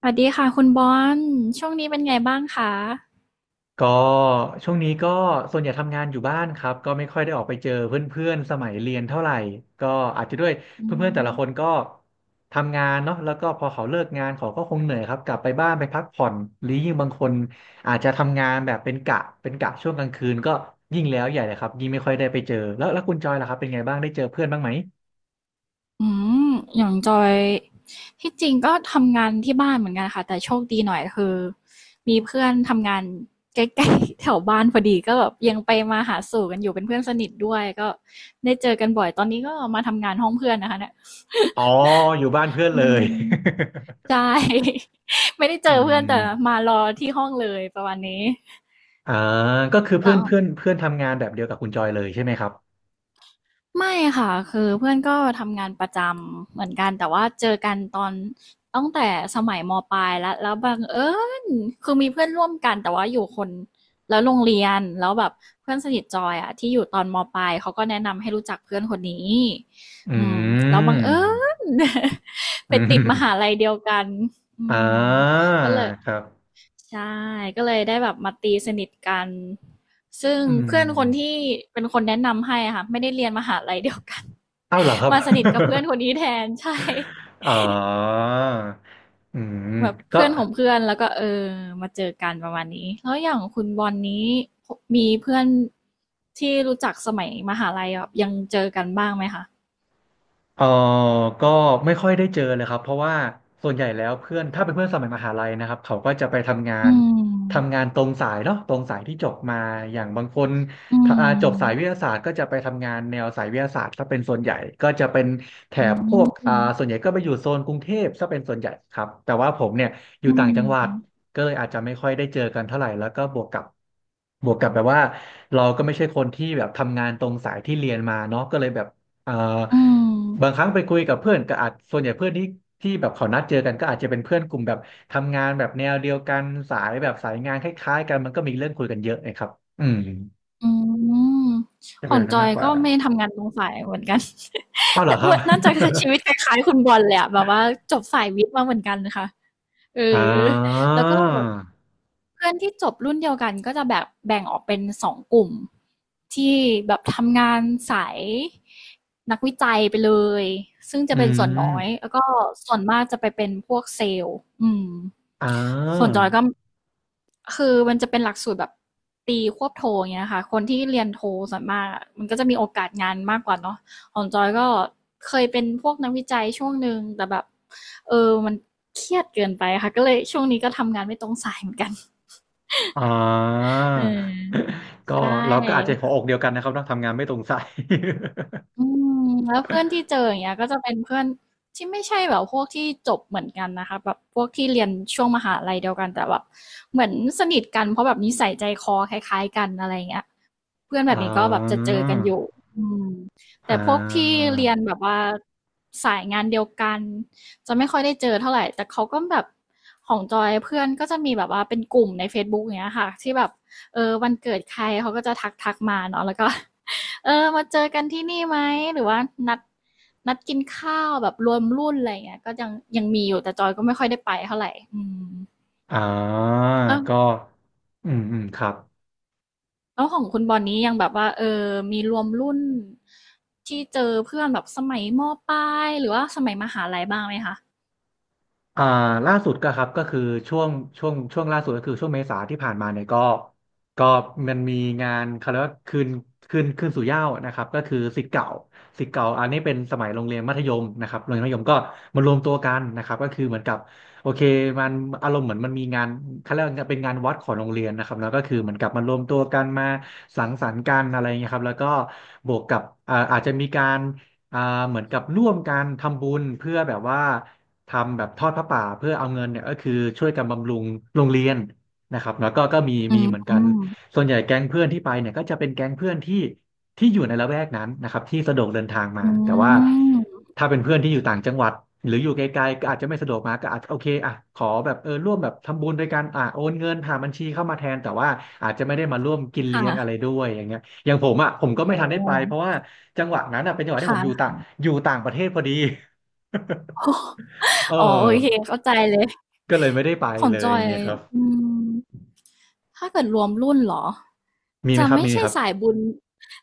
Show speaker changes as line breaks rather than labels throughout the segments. สวัสดีค่ะคุณบอลช่วงนี้เป็นไงบ้างคะ
ก็ช่วงนี้ก็ส่วนใหญ่ทำงานอยู่บ้านครับก็ไม่ค่อยได้ออกไปเจอเพื่อนๆสมัยเรียนเท่าไหร่ก็อาจจะด้วย
อื
เพื่อนๆแต่
ม
ละคนก็ทำงานเนาะแล้วก็พอเขาเลิกงานเขาก็คงเหนื่อยครับกลับไปบ้านไปพักผ่อนหรือยิ่งบางคนอาจจะทำงานแบบเป็นกะเป็นกะช่วงกลางคืนก็ยิ่งแล้วใหญ่เลยครับยิ่งไม่ค่อยได้ไปเจอแล้วแล้วคุณจอยล่ะครับเป็นไงบ้างได้เจอเพื่อนบ้างไหม
อืมอย่างจอยที่จริงก็ทำงานที่บ้านเหมือนกันค่ะแต่โชคดีหน่อยคือมีเพื่อนทำงานใกล้ๆ แถวบ้านพอดีก็แบบยังไปมาหาสู่กันอยู่เป็นเพื่อนสนิทด้วยก็ได้เจอกันบ่อยตอนนี้ก็มาทำงานห้องเพื่อนนะคะเนี่ย
อ๋ออยู่บ้านเพื่อน
อื
เลย
มใช่ ไม่ได้ เจ
อื
อเพื่อนแต่
ม
มารอที่ห้องเลยประมาณนี้
อ่าก็คือเพื่อ
แล้
น
ว
เพื่อนเพื่อนทำงานแบบเดียวกับคุณจอยเลยใช่ไหมครับ
ไม่ค่ะคือเพื่อนก็ทำงานประจำเหมือนกันแต่ว่าเจอกันตอนตั้งแต่สมัยมปลายแล้วแล้วบังเอิญคือมีเพื่อนร่วมกันแต่ว่าอยู่คนละโรงเรียนแล้วแบบเพื่อนสนิทจอยอะที่อยู่ตอนมปลายเขาก็แนะนำให้รู้จักเพื่อนคนนี้
อืม
อืมแล้วบังเอิญ ไป
อื
ติดมหา
ม
ลัยเดียวกันอื
อ่
ม
า
ก็เลย
ครับ
ใช่ก็เลยได้แบบมาตีสนิทกันซึ่ง
อื
เพื่อนคน
ม
ที่เป็นคนแนะนำให้อะค่ะไม่ได้เรียนมหาลัยเดียวกัน
อ้าวเหรอครับ
มา สนิทกับเพื่อนคนนี้แทนใช่
อ๋ออืม
แบบ
ก็
เพื่อนของเพื่อนแล้วก็เออมาเจอกันประมาณนี้แล้วอย่างคุณบอลนี้มีเพื่อนที่รู้จักสมัยมหาลัยแบบยังเจอกันบ้างไหมคะ
เออก็ไม่ค่อยได้เจอเลยครับเพราะว่าส่วนใหญ่แล้วเพื่อนถ้าเป็นเพื่อนสมัยมหาลัยนะครับเขาก็จะไปทำงา
อื
นทำ
ม
งานตรงสายเนาะตรงสายที่จบมาอย่างบางคน
อื
ถ้าอ่าจบสายวิท
ม
ยาศาสตร์ก็จะไปทำงานแนวสายวิทยาศาสตร์ถ้าเป็นส่วนใหญ่ก็จะเป็นแถ
อื
บพวกอ่าส่วน
ม
ใหญ่ก็ไปอยู่โซนกรุงเทพถ้าเป็นส่วนใหญ่ครับแต่ว่าผมเนี่ยอยู่
อื
ต่าง
ม
จังหวัดก็เลยอาจจะไม่ค่อยได้เจอกันเท่าไหร่แล้วก็บวกกับแบบว่าเราก็ไม่ใช่คนที่แบบทำงานตรงสายที่เรียนมาเนาะก็เลยแบบเอ่อ
อืม
บางครั้งไปคุยกับเพื่อนก็อาจส่วนใหญ่เพื่อนที่แบบเขานัดเจอกันก็อาจจะเป็นเพื่อนกลุ่มแบบทำงานแบบแนวเดียวกันสายแบบสายงานคล้ายๆกันมันก็มีเรื่องคุยกันเยอะนะครับอืม
อืม
จะ
ขอ
เป็น
ง
แบบ
จ
นั้น
อ
มา
ย
กกว่า
ก็ไม่ทำงานตรงสายเหมือนกัน
อ้าว เหร
แต่
อครับ
ว่าน่าจะชีวิตคล้ายๆคุณบอลเลยอะแบบว่าจบสายวิทย์มาเหมือนกันนะคะเออ
อ่า
แล้วก็เพื่อนที่จบรุ่นเดียวกันก็จะแบบแบ่งออกเป็นสองกลุ่มที่แบบทำงานสายนักวิจัยไปเลยซึ่งจะ
อื
เป็นส่วน
ม
น้อยแล้วก็ส่วนมากจะไปเป็นพวกเซลส์อืม
อ่า
ส่วนจอยก็คือมันจะเป็นหลักสูตรแบบตีควบโทอย่างเงี้ยค่ะคนที่เรียนโทส่วนมากอะมันก็จะมีโอกาสงานมากกว่าเนาะของจอยก็เคยเป็นพวกนักวิจัยช่วงหนึ่งแต่แบบ มันเครียดเกินไปค่ะก็เลยช่วงนี้ก็ทำงานไม่ตรงสายเหมือนกัน
อ่า
เออ
ก็
ใช
เราก็อาจ
่
จะหัวอกเดียวกันนะครับต้องทำงานไม่ตรงสาย
อืมแล้วเพื่อนที่เจออย่างเงี้ยก็จะเป็นเพื่อนที่ไม่ใช่แบบพวกที่จบเหมือนกันนะคะแบบพวกที่เรียนช่วงมหาลัยเดียวกันแต่แบบเหมือนสนิทกันเพราะแบบนิสัยใจคอคล้ายๆกันอะไรอย่างเงี้ย เพื่อน แบ
อ่
บนี้ก็แบบจะ
า
เจอกันอยู่อืมแต่
อ่
พวกที่
า
เรียนแบบว่าสายงานเดียวกันจะไม่ค่อยได้เจอเท่าไหร่ แต่เขาก็แบบของจอยเพื่อนก็จะมีแบบว่าเป็นกลุ่มใน Facebook อย่างเงี้ยค่ะที่แบบเออวันเกิดใครเขาก็จะทักมาเนาะแล้วก็ เออมาเจอกันที่นี่ไหมหรือว่านัดนัดกินข้าวแบบรวมรุ่นอะไรอย่างเงี้ยก็ยังยังมีอยู่แต่จอยก็ไม่ค่อยได้ไปเท่าไหร่อืม
อ่าก็อืมอืมครับ
แล้วของคุณบอลนี้ยังแบบว่าเออมีรวมรุ่นที่เจอเพื่อนแบบสมัยมปลายหรือว่าสมัยมหาลัยบ้างไหมคะ
อ่าล่าสุดก็ครับก็คือช่วงช่วงล่าสุดก็คือช่วงเมษาที่ผ่านมาเนี่ยก็ก็มันมีงานเขาเรียกว่าคืนสู่เหย้านะครับก็คือศิษย์เก่าอันนี้เป็นสมัยโรงเรียนมัธยมนะครับโรงเรียนมัธยมก็มารวมตัวกันนะครับก็คือเหมือนกับโอเคมันอารมณ์เหมือนมันมีงานเขาเรียกว่าเป็นงานวัดของโรงเรียนนะครับแล้วก็คือเหมือนกับมารวมตัวกันมาสังสรรค์กันอะไรเงี้ยครับแล้วก็บวกกับอ่าอาจจะมีการอ่าเหมือนกับร่วมกันทำบุญเพื่อแบบว่า ทำแบบทอดผ้าป่าเพื่อเอาเงินเนี่ยก็คือช่วยกันบำรุงโรงเรียนนะครับแล้วก็ก็มี
อื
มี
ม
เหมือนกันส่วนใหญ่แก๊งเพื่อนที่ไปเนี่ยก็จะเป็นแก๊งเพื่อนที่อยู่ในละแวกนั้นนะครับที่สะดวกเดินทางมา
อื
แต่ว่า
ม
ถ้าเป็นเพื่อนที่อยู่ต่างจังหวัดหรืออยู่ไกลๆก็อาจจะไม่สะดวกมาก็อาจจะโอเคอ่ะขอแบบเออร่วมแบบทำบุญด้วยกันอ่ะโอนเงินผ่านบัญชีเข้ามาแทนแต่ว่าอาจจะไม่ได้มาร่วมกินเลี้ยงอะไร
ค่ะ
ด้วยอย่างเงี้ยอย่างผมอ่ะผมก็ไม่
โอ้
ทันได้
โฮ
ไปเพราะว่าจังหวะนั้นอ่ะเป็นจังหวะที่ผมอยู่
ค่ะ
ต่างอยู่ต่างประเทศพอดี เอ
อ๋อโอ
อ
เคเข้าใจเลย
ก็เลยไม่ได้ไป
ของ
เล
จ
ย
อย
ไงครับ
อืม ถ้าเกิดรวมรุ่นเหรอ
มีไหม
จะ
ครับ
ไม่
มีไหม
ใช่
ครับ
สายบุญ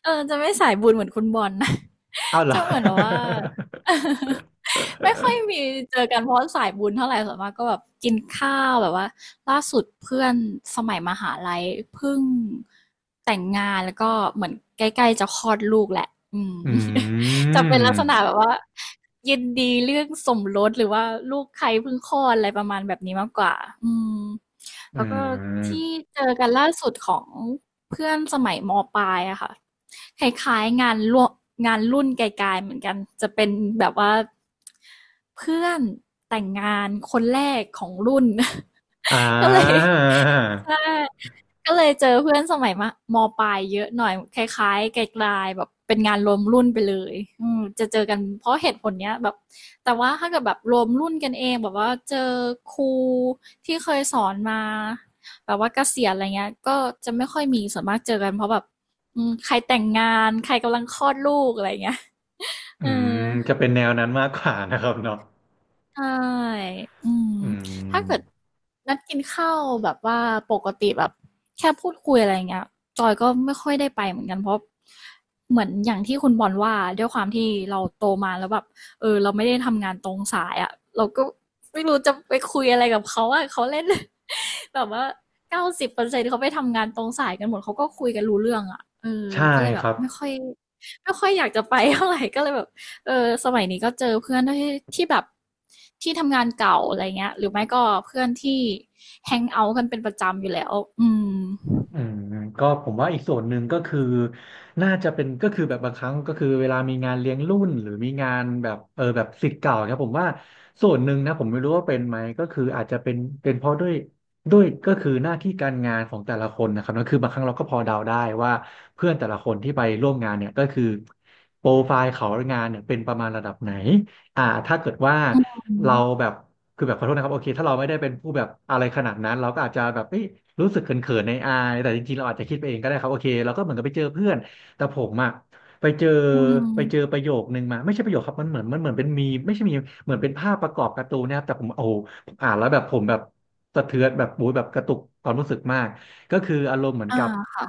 เออจะไม่สายบุญเหมือนคุณบอลนะ
อ้าวเหร อ
จะเหมือนแบบว่า ไม่ค่อยมีเจอกันเพราะสายบุญเท่าไหร่ส่วนมากก็แบบกินข้าวแบบว่าล่าสุดเพื่อนสมัยมหาลัยเพิ่งแต่งงานแล้วก็เหมือนใกล้ๆจะคลอดลูกแหละอืม
อื
จะเป็นลักษณะ
ม
แบบว่ายินดีเรื่องสมรสหรือว่าลูกใครเพิ่งคลอดอะไรประมาณแบบนี้มากกว่าอืม
อื
แล้วก็ที่
ม
เจอกันล่าสุดของเพื่อนสมัยมปลายอะค่ะคล้ายๆงานร่วมงานรุ่นไกลๆเหมือนกันจะเป็นแบบว่าเพื่อนแต่งงานคนแรกของรุ่น
อ่
ก็เลย
า
ใช่ ก็เลยเจอเพื่อนสมัยมะมปลายเยอะหน่อยคล้ายๆไกลๆแบบเป็นงานรวมรุ่นไปเลยอืมจะเจอกันเพราะเหตุผลเนี้ยแบบแต่ว่าถ้าเกิดแบบรวมรุ่นกันเองแบบว่าเจอครูที่เคยสอนมาแบบว่าเกษียณอะไรเงี้ยก็จะไม่ค่อยมีส่วนมากเจอกันเพราะแบบมใครแต่งงานใครกำลังคลอดลูกอะไรเงี้ย
อื
เออ
มจะเป็นแนวนั้นมากกว่านะครับเนาะ
ใช่อืม
อื
ถ้า
ม
เกิดนัดกินข้าวแบบว่าปกติแบบแค่พูดคุยอะไรเงี้ยจอยก็ไม่ค่อยได้ไปเหมือนกันเพราะเหมือนอย่างที่คุณบอลว่าด้วยความที่เราโตมาแล้วแบบเออเราไม่ได้ทำงานตรงสายอ่ะเราก็ไม่รู้จะไปคุยอะไรกับเขาอ่ะเขาเล่น แบบว่า90%เขาไปทำงานตรงสายกันหมดเขาก็คุยกันรู้เรื่องอ่ะเออ
ใช่
ก็เลยแบ
ค
บ
รับ
ไม่ค่อยอยากจะไปเท่าไหร่ก็เลยแบบ เออสมัยนี้ก็เจอเพื่อนที่ที่แบบที่ทำงานเก่าอะไรเงี้ยหรือไม่ก็เพื่อนที่แฮงเอาท์กันเป็นประจำอยู่แล้วอืม
อืมก็ผมว่าอีกส่วนหนึ่งก็คือน่าจะเป็นก็คือแบบบางครั้งก็คือเวลามีงานเลี้ยงรุ่นหรือมีงานแบบเออแบบศิษย์เก่าครับผมว่าส่วนหนึ่งนะผมไม่รู้ว่าเป็นไหมก็คืออาจจะเป็นเพราะด้วยก็คือหน้าที่การงานของแต่ละคนนะครับนั่นคือบางครั้งเราก็พอเดาได้ว่าเพื่อนแต่ละคนที่ไปร่วมงานเนี่ยก็คือโปรไฟล์เขางานเนี่ยเป็นประมาณระดับไหนอ่าถ้าเกิดว่า
อื
เรา
ม
แบบ คือแบบขอโทษนะครับโอเคถ้าเราไม่ได้เป็นผู้แบบอะไรขนาดนั้นเราก็อาจจะแบบเอ้ยรู้สึกเขินๆในอายแต่จริงๆเราอาจจะคิดไปเองก็ได้ครับโอเคเราก็เหมือนกับไปเจอเพื่อนแต่ผมอะไปเจอ
อื
ไปเจอ
ม
ประโยคนึงมาไม่ใช่ประโยคครับมันเหมือนเป็นมีมไม่ใช่มีมเหมือนเป็นภาพประกอบการ์ตูนนะครับแต่ผมโอ้โหผมอ่านแล้วแบบผมแบบสะเทือนแบบโอ้ยแบบกระตุกความรู้สึกมากก็คืออารมณ์เหมือน
อ
กับ
า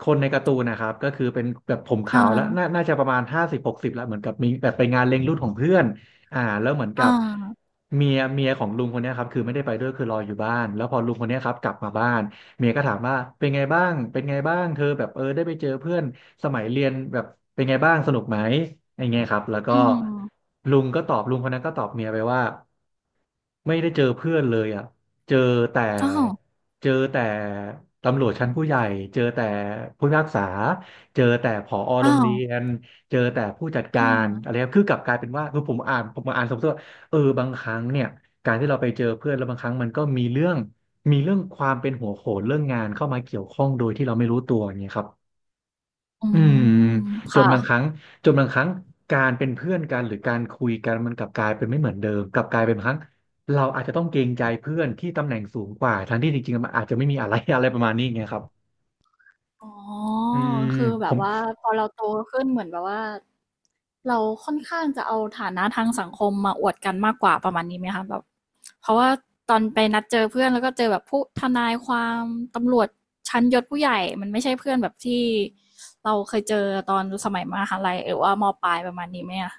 คนในการ์ตูนนะครับก็คือเป็นแบบผม
อา
ขาวแล้วน่าน่าจะประมาณ50-60แล้วเหมือนกับมีแบบไปงานเลี้ยงรุ่นของเพื่อน อ่าแล้วเหมือนกับ
อา
เมียของลุงคนเนี้ยครับคือไม่ได้ไปด้วยคือรออยู่บ้านแล้วพอลุงคนเนี้ยครับกลับมาบ้านเมียก็ถามว่าเป็นไงบ้างเป็นไงบ้างเธอแบบเออได้ไปเจอเพื่อนสมัยเรียนแบบเป็นไงบ้างสนุกไหมอย่างเงี้ยครับแล้วก็
อืม
ลุงคนนั้นก็ตอบเมียไปว่าไม่ได้เจอเพื่อนเลยอ่ะเจอแต่
อ้าว
เจอแต่ตำรวจชั้นผู้ใหญ่เจอแต่ผู้พิพากษาเจอแต่ผอโร
อ้า
ง
ว
เรียน เจอแต่ผู้จัดกา
เอ
ร
อ
อะไรครับคือกลับกลายเป็นว่าคือผมมาอ่านสมมติว่าเออบางครั้งเนี่ยการที่เราไปเจอเพื่อนแล้วบางครั้งมันก็มีเรื่องมีเรื่องความเป็นหัวโขนเรื่องงานเข้ามาเกี่ยวข้องโดยที่เราไม่รู้ตัวอย่างเงี้ยครับ
อื
อืม
ม
จนบางค
ค่ะ
รั้งจนบางครั้งการเป็นเพื่อนกันหรือการคุยกันมันกลับกลายเป็นไม่เหมือนเดิมกลับกลายเป็นบางครั้งเราอาจจะต้องเกรงใจเพื่อนที่ตำแหน่งสูงกว่าทั้งที่จริงๆมันอาจจะไม่มีอะไร อะไรประมาณนี้ไงครับ
อ๋อ
อืม
คือแบ
ผ
บ
ม
ว่าพอเราโตขึ้นเหมือนแบบว่าเราค่อนข้างจะเอาฐานะทางสังคมมาอวดกันมากกว่าประมาณนี้ไหมคะแบบเพราะว่าตอนไปนัดเจอเพื่อนแล้วก็เจอแบบผู้ทนายความตำรวจชั้นยศผู้ใหญ่มันไม่ใช่เพื่อนแบบที่เราเคยเจอตอนสมัยมหาลัยหรือว่ามปลายประมาณนี้ไหมอะ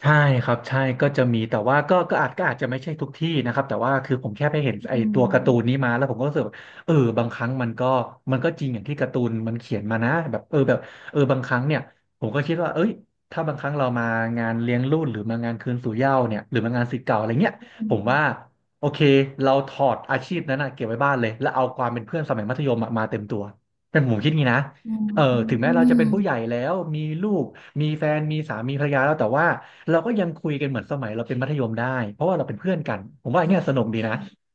ใช่ครับใช่ก็จะมีแต่ว่าก็ก็อาจก็อาจจะไม่ใช่ทุกที่นะครับแต่ว่าคือผมแค่ไปเห็นไอ้
อื
ตั
ม
วการ์ตูนนี้มาแล้วผมก็รู้สึกว่าเออบางครั้งมันก็จริงอย่างที่การ์ตูนมันเขียนมานะแบบเออแบบเออบางครั้งเนี่ยผมก็คิดว่าเอ้ยถ้าบางครั้งเรามางานเลี้ยงรุ่นหรือมางานคืนสู่เหย้าเนี่ยหรือมางานศิษย์เก่าอะไรเงี้ย
อื
ผมว่า
ม
โอเคเราถอดอาชีพนั้นนะเก็บไว้บ้านเลยแล้วเอาความเป็นเพื่อนสมัยมัธยมอะมาเต็มตัวเป็นผมคิดงี้นะ
อื
เออถึงแม้เราจะเป็นผู้ใหญ่
ม
แล้วมีลูกมีแฟนมีสามีภรรยาแล้วแต่ว่า เราก็ยังคุยกันเหมือนสมัยเราเป็นมัธยมได้เพราะว่าเราเป็นเพื่อนกันผมว่าอย่างเงี้ยสนุก
อื
ดีนะ
ม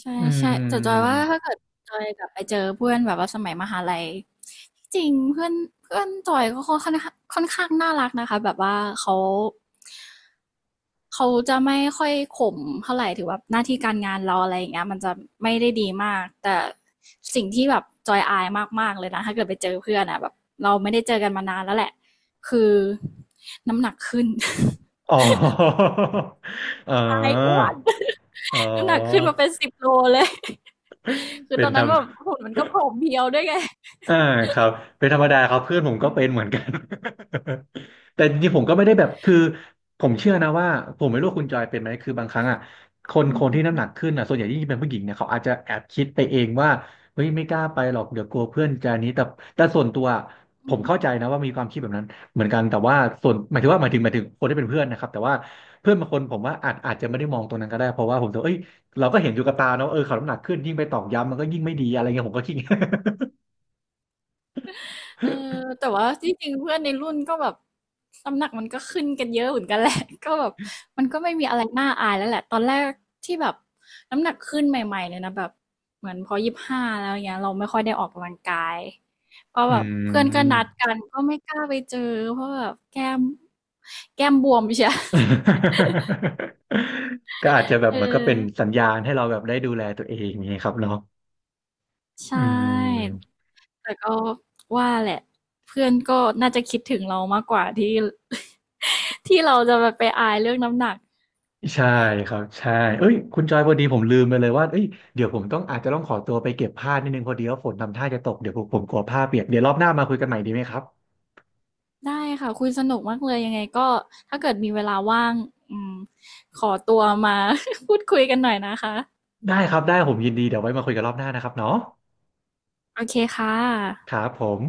ใช่
อื
ใช่แต่จอยว่า
ม
ถ้าเกิดจอยกลับไปเจอเพื่อนแบบว่าสมัยมหาลัยที่จริงเพื่อนเพื่อนจอยก็ค่อนข้างน่ารักนะคะแบบว่าเขาจะไม่ค่อยข่มเท่าไหร่ถือว่าหน้าที่การงานเราอะไรอย่างเงี้ยมันจะไม่ได้ดีมากแต่สิ่งที่แบบจอยอายมากๆเลยนะถ้าเกิดไปเจอเพื่อนอ่ะแบบเราไม่ได้เจอกันมานานแล้วแหละคือน้ำหนักขึ้น
อ๋อ อ๋อ
อายอ้วน
อ๋อ
น้ำหนักขึ้นมาเป็น10 โลเลย คือ
เป็
ต
น
อน
ธร
นั้น
รม
แบบหุ่นมันก็ผอมเพรียวด้วยไง
อ่าครับเป็นธรรมดาครับเพื่อนผมก็เป็นเหมือนกัน แต่จริงๆผมก็ไม่ได้แบบคือผมเชื่อนะว่าผมไม่รู้ว่าคุณจอยเป็นไหมคือบางครั้งอ่ะคนที่น้ำหนักขึ้นอ่ะส่วนใหญ่ยิ่งเป็นผู้หญิงเนี่ยเขาอาจจะแอบคิดไปเองว่าเฮ้ยไม่กล้าไปหรอกเดี๋ยวกลัวเพื่อนจะนี้แต่ส่วนตัวผมเข้าใจนะว่ามีความคิดแบบนั้นเหมือนกันแต่ว่าส่วนหมายถึงว่าหมายถึงหมายถึงคนที่เป็นเพื่อนนะครับแต่ว่าเพื่อนบางคนผมว่าอาจจะไม่ได้มองตรงนั้นก็ได้เพราะว่าผมจะเอ้ยเราก็เห็นอยู่กับตาเนาะเออเขาน้ำหนักขึ้นยิ่งไปตอกย้ำมันก็ยิ่งไม่ดีอะไรเงี้ยผมก็คิดอย่างเงี้ย
เออแต่ว่าจริงๆเพื่อนในรุ่นก็แบบน้ำหนักมันก็ขึ้นกันเยอะเหมือนกันแหละ ก็แบบมันก็ไม่มีอะไรน่าอายแล้วแหละตอนแรกที่แบบน้ำหนักขึ้นใหม่ๆเลยนะแบบเหมือนพอ25แล้วเงี้ยเราไม่ค่อยได้ออกกำลังกายเพราะ
อื
แบบเพื่อนก็นัด
ม
กันก็ไม่กล้าไปเจอเพราะแบบแก้มบวมใช่
ก็อาจจะ แบบ
เออ
มันก็เป็นสัญญาณให้เราแบบได้ดูแลตัวเองอย่างนี้ครับเนาะอื
ใช่
ม
แต่ก็ว่าแหละเพื่อนก็น่าจะคิดถึงเรามากกว่าที่ ที่เราจะแบบไปอายเรื่องน้ำหนัก
ใช่ครับใช่เอ้ยคุณจอยพอดีผมลืมไปเลยว่าเอ้ยเดี๋ยวผมต้องอาจจะต้องขอตัวไปเก็บผ้านิดนึงพอดีว่าฝนทำท่าจะตกเดี๋ยวผมกลัวผ้าเปียกเดี๋ยวรอบหน้ามาคุยกันใหม่ดีไหมครับ
ได้ค่ะคุยสนุกมากเลยยังไงก็ถ้าเกิดมีเวลาว่างอืมขอตัวมา พูดคุยกันหน่อยนะคะ
ได้ครับได้ผมยินดีเดี๋ยวไว้มาคุยกันรอบหน้านะครับเนาะ
โอเคค่ะ
ครับผม